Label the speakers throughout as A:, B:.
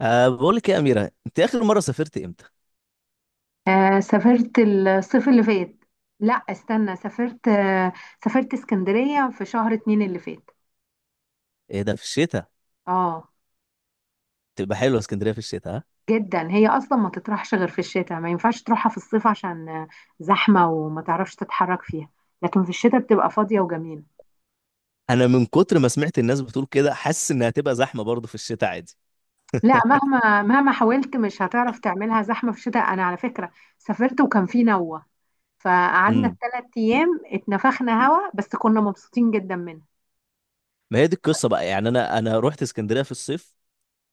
A: بقول لك إيه يا أميرة، أنت آخر مرة سافرت إمتى؟
B: آه، سافرت الصيف اللي فات. لا استنى، سافرت اسكندرية في شهر 2 اللي فات.
A: إيه ده، في الشتاء.
B: اه.
A: تبقى حلوة اسكندرية في الشتاء، ها؟
B: جدا، هي اصلا ما تطرحش غير في الشتاء، ما ينفعش تروحها في الصيف عشان زحمة وما تعرفش تتحرك فيها. لكن في الشتاء بتبقى فاضية وجميلة.
A: أنا من كتر ما سمعت الناس بتقول كده حاسس إنها هتبقى زحمة برضه في الشتاء عادي.
B: لا، مهما مهما حاولت مش هتعرف تعملها زحمة في الشتاء. انا على فكرة سافرت وكان في نوة، فقعدنا
A: امم.
B: ال3 ايام اتنفخنا هوا بس كنا مبسوطين جدا منه.
A: ما هي دي القصة بقى، يعني أنا رحت اسكندرية في الصيف،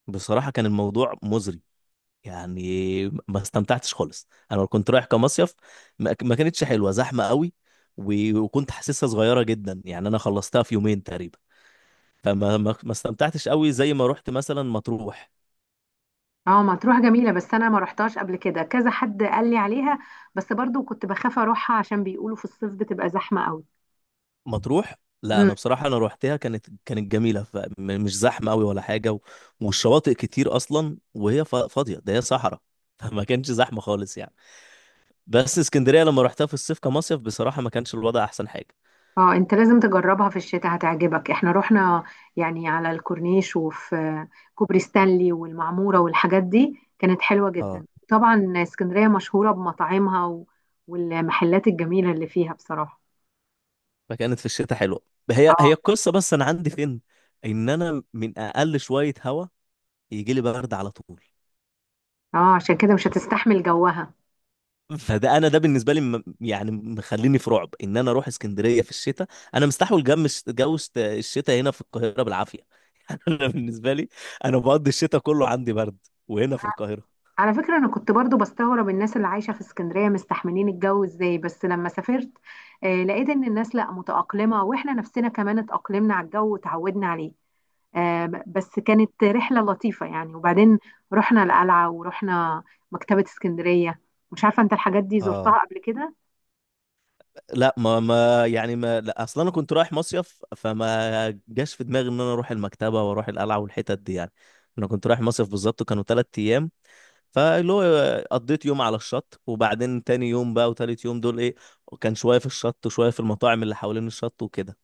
A: بصراحة كان الموضوع مزري. يعني ما استمتعتش خالص، أنا كنت رايح كمصيف. ما كانتش حلوة، زحمة قوي. وكنت حاسسها صغيرة جدا، يعني أنا خلصتها في يومين تقريبا. فما ما ما استمتعتش قوي زي ما رحت مثلا مطروح.
B: اه مطروح جميلة بس أنا ما رحتهاش قبل كده، كذا حد قال لي عليها، بس برضو كنت بخاف أروحها عشان بيقولوا في الصيف بتبقى زحمة قوي.
A: مطروح. لا
B: مم.
A: انا بصراحه انا روحتها، كانت جميله، فمش زحمه قوي ولا حاجه. والشواطئ كتير اصلا، وهي فاضيه، ده هي صحراء فما كانش زحمه خالص يعني. بس اسكندريه لما روحتها في الصيف كمصيف، بصراحه ما كانش الوضع احسن حاجه.
B: اه انت لازم تجربها في الشتاء هتعجبك. احنا رحنا يعني على الكورنيش، وفي كوبري ستانلي والمعمورة والحاجات دي كانت حلوة
A: اه.
B: جدا. طبعا اسكندرية مشهورة بمطاعمها والمحلات الجميلة اللي فيها بصراحة.
A: فكانت في الشتاء حلوه. هي
B: اه،
A: هي القصه، بس انا عندي فين ان انا من اقل شويه هوا يجي لي برد على طول.
B: اه عشان كده مش هتستحمل جوها.
A: فده انا، ده بالنسبه لي، يعني مخليني في رعب ان انا اروح اسكندريه في الشتاء. انا مستحول جو الش- جو الشت- الشتاء هنا في القاهره بالعافيه يعني انا بالنسبه لي، انا بقضي الشتاء كله عندي برد وهنا في القاهره.
B: على فكرة أنا كنت برضو بستغرب الناس اللي عايشة في اسكندرية مستحملين الجو إزاي، بس لما سافرت لقيت إن الناس لأ متأقلمة، وإحنا نفسنا كمان اتأقلمنا على الجو وتعودنا عليه. بس كانت رحلة لطيفة يعني. وبعدين رحنا القلعة ورحنا مكتبة اسكندرية. مش عارفة أنت الحاجات دي زرتها
A: اه.
B: قبل كده؟
A: لا ما ما يعني ما، لا اصلا انا كنت رايح مصيف، فما جاش في دماغي ان انا اروح المكتبه واروح القلعه والحتت دي يعني. انا كنت رايح مصيف بالظبط، كانوا 3 ايام. فاللي هو قضيت يوم على الشط، وبعدين تاني يوم بقى وتالت يوم دول ايه، كان شوية في الشط وشوية في المطاعم اللي حوالين الشط وكده.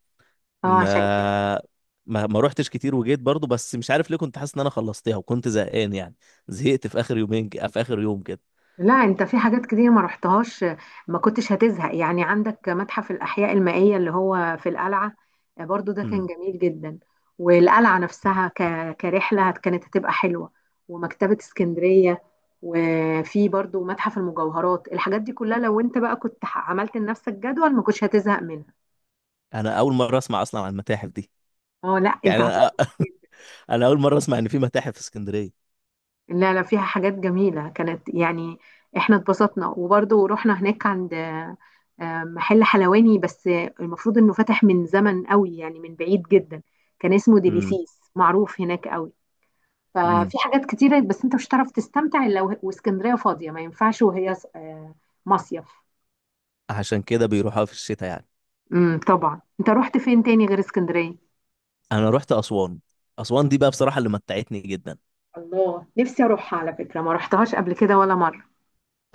B: اه عشان كده.
A: ما ما روحتش كتير، وجيت برضو، بس مش عارف ليه كنت حاسس ان انا خلصتها وكنت زهقان يعني. زهقت في اخر يومين، في اخر يوم كده.
B: لا، انت في حاجات كتير ما رحتهاش. ما كنتش هتزهق يعني، عندك متحف الأحياء المائية اللي هو في القلعة، برضو ده كان
A: امم.
B: جميل جدا. والقلعة نفسها كرحلة كانت هتبقى حلوة، ومكتبة اسكندرية، وفي برضو متحف المجوهرات. الحاجات دي كلها لو انت بقى كنت عملت لنفسك جدول ما كنتش هتزهق منها.
A: انا اول مرة اسمع اصلا عن المتاحف دي.
B: اه لا انت.
A: يعني انا انا اول مرة اسمع ان في متاحف في اسكندرية.
B: لا لا، فيها حاجات جميلة كانت يعني. احنا اتبسطنا، وبرضه رحنا هناك عند محل حلواني، بس المفروض انه فتح من زمن قوي يعني من بعيد جدا. كان اسمه
A: امم.
B: ديليسيس، معروف هناك قوي.
A: امم.
B: ففي حاجات كتيرة، بس انت مش هتعرف تستمتع الا واسكندرية فاضية. ما ينفعش وهي مصيف.
A: عشان كده بيروحوها في الشتاء يعني.
B: طبعا. انت رحت فين تاني غير اسكندرية؟
A: انا رحت اسوان. اسوان دي بقى بصراحة اللي متعتني جدا.
B: الله، نفسي اروحها على فكرة، ما رحتهاش قبل كده ولا مرة.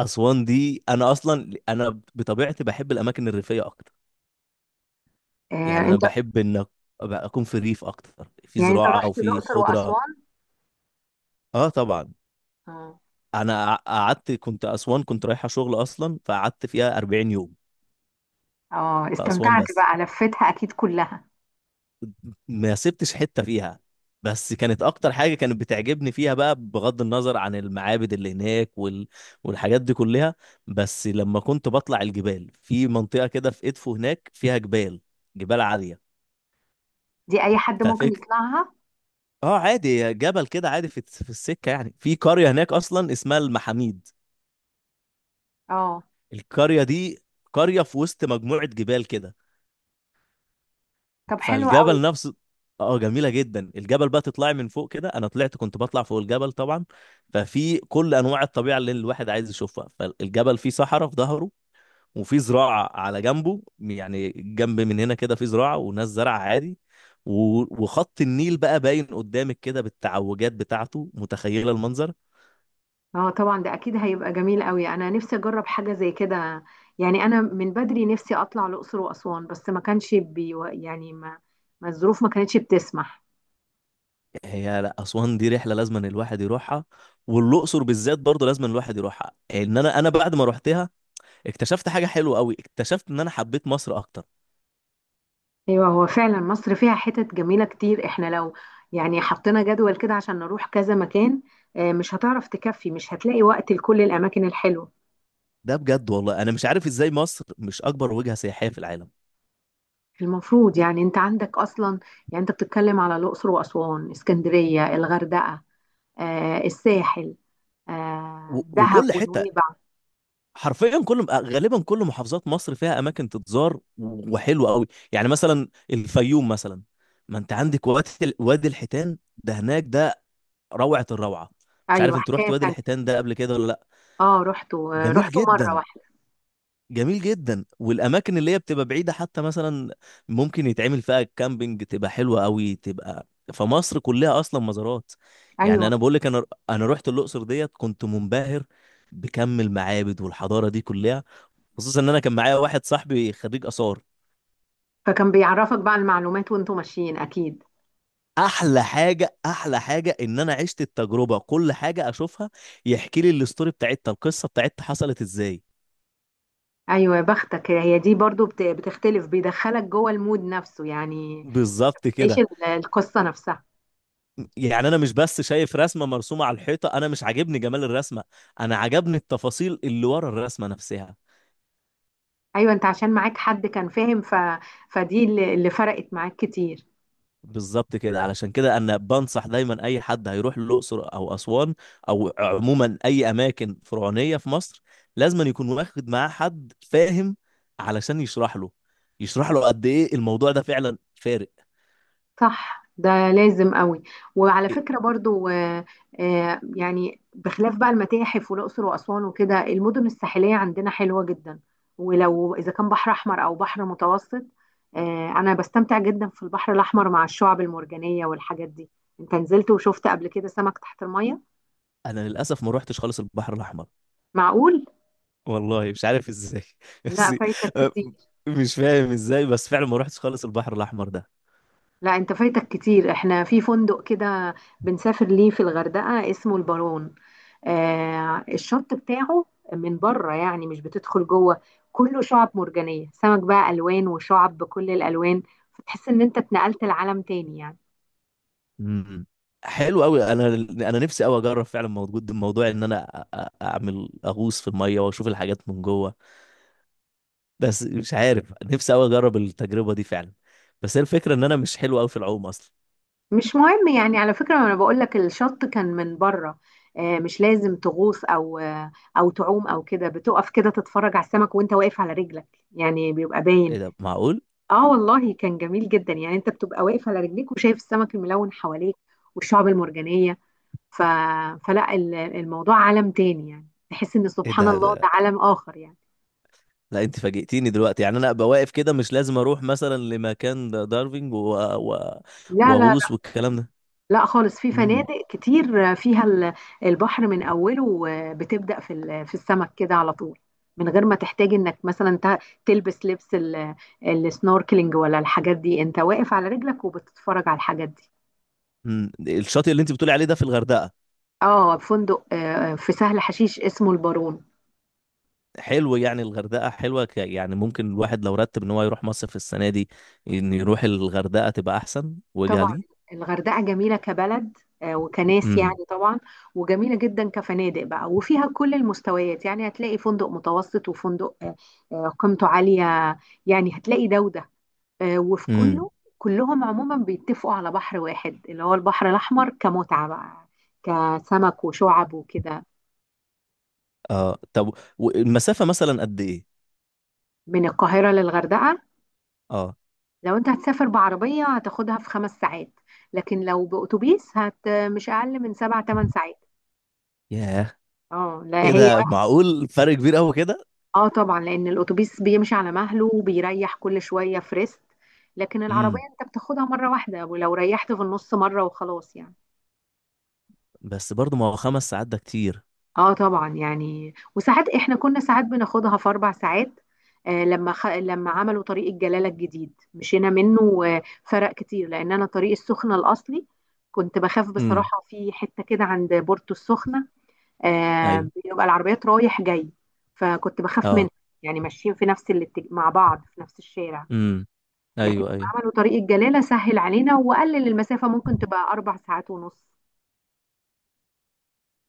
A: اسوان دي انا اصلا، انا بطبيعتي بحب الاماكن الريفيه اكتر. يعني انا
B: انت
A: بحب ان أبقى اكون في الريف اكتر، في
B: يعني انت
A: زراعه
B: رحت
A: وفي
B: الاقصر
A: خضره.
B: واسوان.
A: اه طبعا.
B: اه.
A: انا قعدت، كنت اسوان كنت رايحه شغل اصلا، فقعدت فيها 40 يوم
B: اه
A: في اسوان
B: استمتعت
A: بس.
B: بقى، لفتها اكيد كلها.
A: ما سبتش حته فيها. بس كانت اكتر حاجه كانت بتعجبني فيها بقى، بغض النظر عن المعابد اللي هناك والحاجات دي كلها، بس لما كنت بطلع الجبال في منطقه كده، في ادفو هناك فيها جبال، جبال عاليه.
B: دي اي حد ممكن
A: ففك
B: يطلعها.
A: اه، عادي، جبل كده عادي في السكه، يعني في قريه هناك اصلا اسمها المحاميد.
B: اه.
A: القريه دي قريه في وسط مجموعه جبال كده.
B: طب حلو قوي.
A: فالجبل نفسه، اه جميله جدا. الجبل بقى تطلعي من فوق كده، انا طلعت كنت بطلع فوق الجبل طبعا. ففي كل انواع الطبيعه اللي الواحد عايز يشوفها، فالجبل فيه صحراء في ظهره، وفي زراعه على جنبه، يعني جنب من هنا كده في زراعه وناس زرع عادي. وخط النيل بقى باين قدامك كده بالتعوجات بتاعته، متخيله المنظر.
B: اه طبعا ده اكيد هيبقى جميل قوي. انا نفسي اجرب حاجه زي كده، يعني انا من بدري نفسي اطلع الاقصر واسوان بس ما كانش بي، يعني ما الظروف ما كانتش بتسمح.
A: هي لا، اسوان دي رحله لازم أن الواحد يروحها، والاقصر بالذات برضه لازم أن الواحد يروحها. ان انا بعد ما روحتها اكتشفت حاجه حلوه قوي، اكتشفت ان انا حبيت مصر اكتر.
B: ايوه هو فعلا مصر فيها حتت جميله كتير. احنا لو يعني حطينا جدول كده عشان نروح كذا مكان مش هتعرف تكفي، مش هتلاقي وقت لكل الاماكن الحلوه.
A: ده بجد والله، انا مش عارف ازاي مصر مش اكبر وجهه سياحيه في العالم.
B: المفروض، يعني انت عندك اصلا، يعني انت بتتكلم على الاقصر واسوان، اسكندريه، الغردقه، الساحل، دهب
A: وكل حته،
B: ونويبع.
A: حرفيا كل، غالبا كل محافظات مصر فيها اماكن تتزار وحلوه قوي. يعني مثلا الفيوم مثلا، ما انت عندك وادي وادي الحيتان، ده هناك ده روعه الروعه. مش عارف
B: ايوه
A: انت رحت
B: حكايه
A: وادي
B: تانية.
A: الحيتان ده قبل كده ولا لا.
B: اه، رحتوا
A: جميل
B: رحتوا مره
A: جدا،
B: واحده.
A: جميل جدا. والاماكن اللي هي بتبقى بعيده حتى مثلا، ممكن يتعمل فيها كامبينج، تبقى حلوه قوي تبقى. فمصر كلها اصلا مزارات. يعني
B: ايوه،
A: انا بقول لك، انا رحت الاقصر ديت، كنت منبهر بكم المعابد والحضاره دي كلها، خصوصا ان انا كان معايا واحد صاحبي خريج اثار.
B: فكان بيعرفك بقى المعلومات وانتوا ماشيين اكيد.
A: احلى حاجه، احلى حاجه ان انا عشت التجربه، كل حاجه اشوفها يحكي لي الاستوري بتاعتها، القصه بتاعتها حصلت ازاي.
B: ايوه يا بختك، هي دي برضو بتختلف، بيدخلك جوه المود نفسه يعني.
A: بالظبط
B: عيش
A: كده.
B: القصه نفسها.
A: يعني انا مش بس شايف رسمه مرسومه على الحيطه، انا مش عاجبني جمال الرسمه، انا عجبني التفاصيل اللي ورا الرسمه نفسها.
B: ايوه انت عشان معاك حد كان فاهم، فدي اللي فرقت معاك كتير.
A: بالظبط كده، علشان كده انا بنصح دايما اي حد هيروح الاقصر او اسوان، او عموما اي اماكن فرعونيه في مصر، لازم يكون واخد معاه حد فاهم علشان يشرح له، يشرح له قد ايه الموضوع ده فعلا فارق.
B: صح، ده لازم قوي. وعلى
A: إيه؟
B: فكرة برضو يعني بخلاف بقى المتاحف والأقصر وأسوان وكده، المدن الساحلية عندنا حلوة جدا، ولو إذا كان بحر أحمر أو بحر متوسط. أنا بستمتع جدا في البحر الأحمر مع الشعب المرجانية والحاجات دي. أنت نزلت وشفت قبل كده سمك تحت المية؟
A: انا للاسف ما روحتش خالص البحر الاحمر.
B: معقول؟
A: والله مش عارف ازاي
B: لا
A: بس
B: فايتك
A: آه،
B: كتير.
A: مش فاهم ازاي، بس فعلا ما روحتش خالص البحر الاحمر ده.
B: لا أنت فايتك كتير، إحنا في فندق كده بنسافر ليه في الغردقة اسمه البارون. الشط بتاعه من بره يعني، مش بتدخل جوه. كله شعب مرجانية، سمك بقى ألوان وشعب بكل الألوان، فتحس إن أنت اتنقلت لعالم تاني يعني.
A: امم. حلو قوي. انا نفسي قوي اجرب فعلا، موجود الموضوع ان انا اعمل اغوص في الميه واشوف الحاجات من جوه. بس مش عارف، نفسي قوي اجرب التجربه دي فعلا، بس هي الفكره ان انا مش حلو قوي في العوم اصلا.
B: مش مهم يعني، على فكرة أنا بقول لك الشط كان من بره. مش لازم تغوص أو أو تعوم أو كده، بتقف كده تتفرج على السمك وأنت واقف على رجلك، يعني بيبقى باين.
A: ايه ده، معقول.
B: آه والله كان جميل جدا يعني. أنت بتبقى واقف على رجليك وشايف السمك الملون حواليك والشعب المرجانية. ف... فلا الموضوع عالم تاني يعني، تحس ان
A: ايه
B: سبحان
A: ده
B: الله
A: ده-
B: ده عالم اخر يعني.
A: لا انت فاجئتيني دلوقتي، يعني انا ابقى واقف كده مش لازم اروح مثلا لمكان دايفنج
B: لا لا
A: واغوص
B: لا.
A: والكلام ده.
B: لا خالص، في
A: امم.
B: فنادق كتير فيها البحر من اوله بتبدأ في في السمك كده على طول، من غير ما تحتاج انك مثلا تلبس لبس السنوركلينج ولا الحاجات دي. انت واقف على رجلك وبتتفرج على الحاجات دي.
A: أمم. الشاطئ اللي انت بتقولي عليه ده في الغردقه.
B: اه فندق في سهل حشيش اسمه البارون.
A: حلو، يعني الغردقة حلوة، يعني ممكن الواحد لو رتب ان هو يروح مصيف السنة دي ان يروح الغردقة تبقى احسن وجهة
B: طبعا
A: ليه.
B: الغردقة جميلة كبلد، وكناس
A: امم.
B: يعني طبعا، وجميلة جدا كفنادق بقى. وفيها كل المستويات، يعني هتلاقي فندق متوسط وفندق قيمته عالية. يعني هتلاقي ده وده، وفي
A: امم.
B: كله. كلهم عموما بيتفقوا على بحر واحد اللي هو البحر الأحمر كمتعة بقى، كسمك وشعب وكده.
A: اه طب، والمسافة مثلا قد ايه.
B: من القاهرة للغردقة،
A: اه.
B: لو انت هتسافر بعربية هتاخدها في 5 ساعات، لكن لو بأتوبيس هت مش أقل من 7 - 8 ساعات.
A: ياه.
B: اه لا
A: ايه
B: هي.
A: ده، معقول فرق كبير قوي كده.
B: اه طبعا، لان الاتوبيس بيمشي على مهله وبيريح كل شويه في ريست، لكن العربيه
A: امم.
B: انت بتاخدها مره واحده ولو ريحت في النص مره وخلاص يعني.
A: بس برضه ما هو 5 ساعات ده كتير.
B: اه طبعا، يعني وساعات احنا كنا ساعات بناخدها في 4 ساعات. لما لما عملوا طريق الجلاله الجديد مشينا منه، وفرق كتير. لان انا طريق السخنه الاصلي كنت بخاف
A: امم.
B: بصراحه، في حته كده عند بورتو السخنه
A: ايوه.
B: بيبقى العربيات رايح جاي فكنت بخاف منها،
A: اه.
B: يعني ماشيين في نفس مع بعض في نفس الشارع.
A: امم.
B: لكن
A: ايوه
B: هم
A: ايوه.
B: عملوا طريق الجلالة سهل علينا وقلل المسافة، ممكن تبقى 4 ساعات ونص.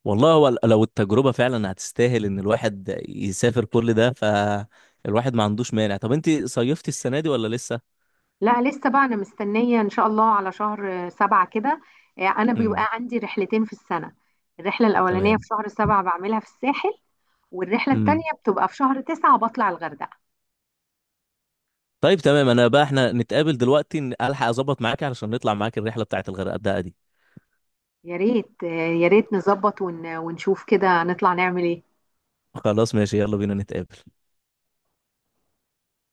A: والله هو لو التجربة فعلا هتستاهل ان الواحد يسافر كل ده، فالواحد ما عندوش مانع. طب انت صيفتي السنة دي ولا لسه.
B: لا لسه بقى، أنا مستنية إن شاء الله على شهر 7 كده. أنا بيبقى
A: امم.
B: عندي رحلتين في السنة. الرحلة الأولانية
A: تمام.
B: في شهر 7 بعملها في الساحل، والرحلة
A: امم.
B: التانية بتبقى في شهر 9 بطلع الغردقة.
A: طيب تمام، انا بقى احنا نتقابل دلوقتي، الحق اظبط معاك علشان نطلع معاك الرحله بتاعت الغردقه دي.
B: يا ريت، يا ريت نظبط ونشوف كده نطلع نعمل إيه.
A: خلاص ماشي، يلا بينا نتقابل.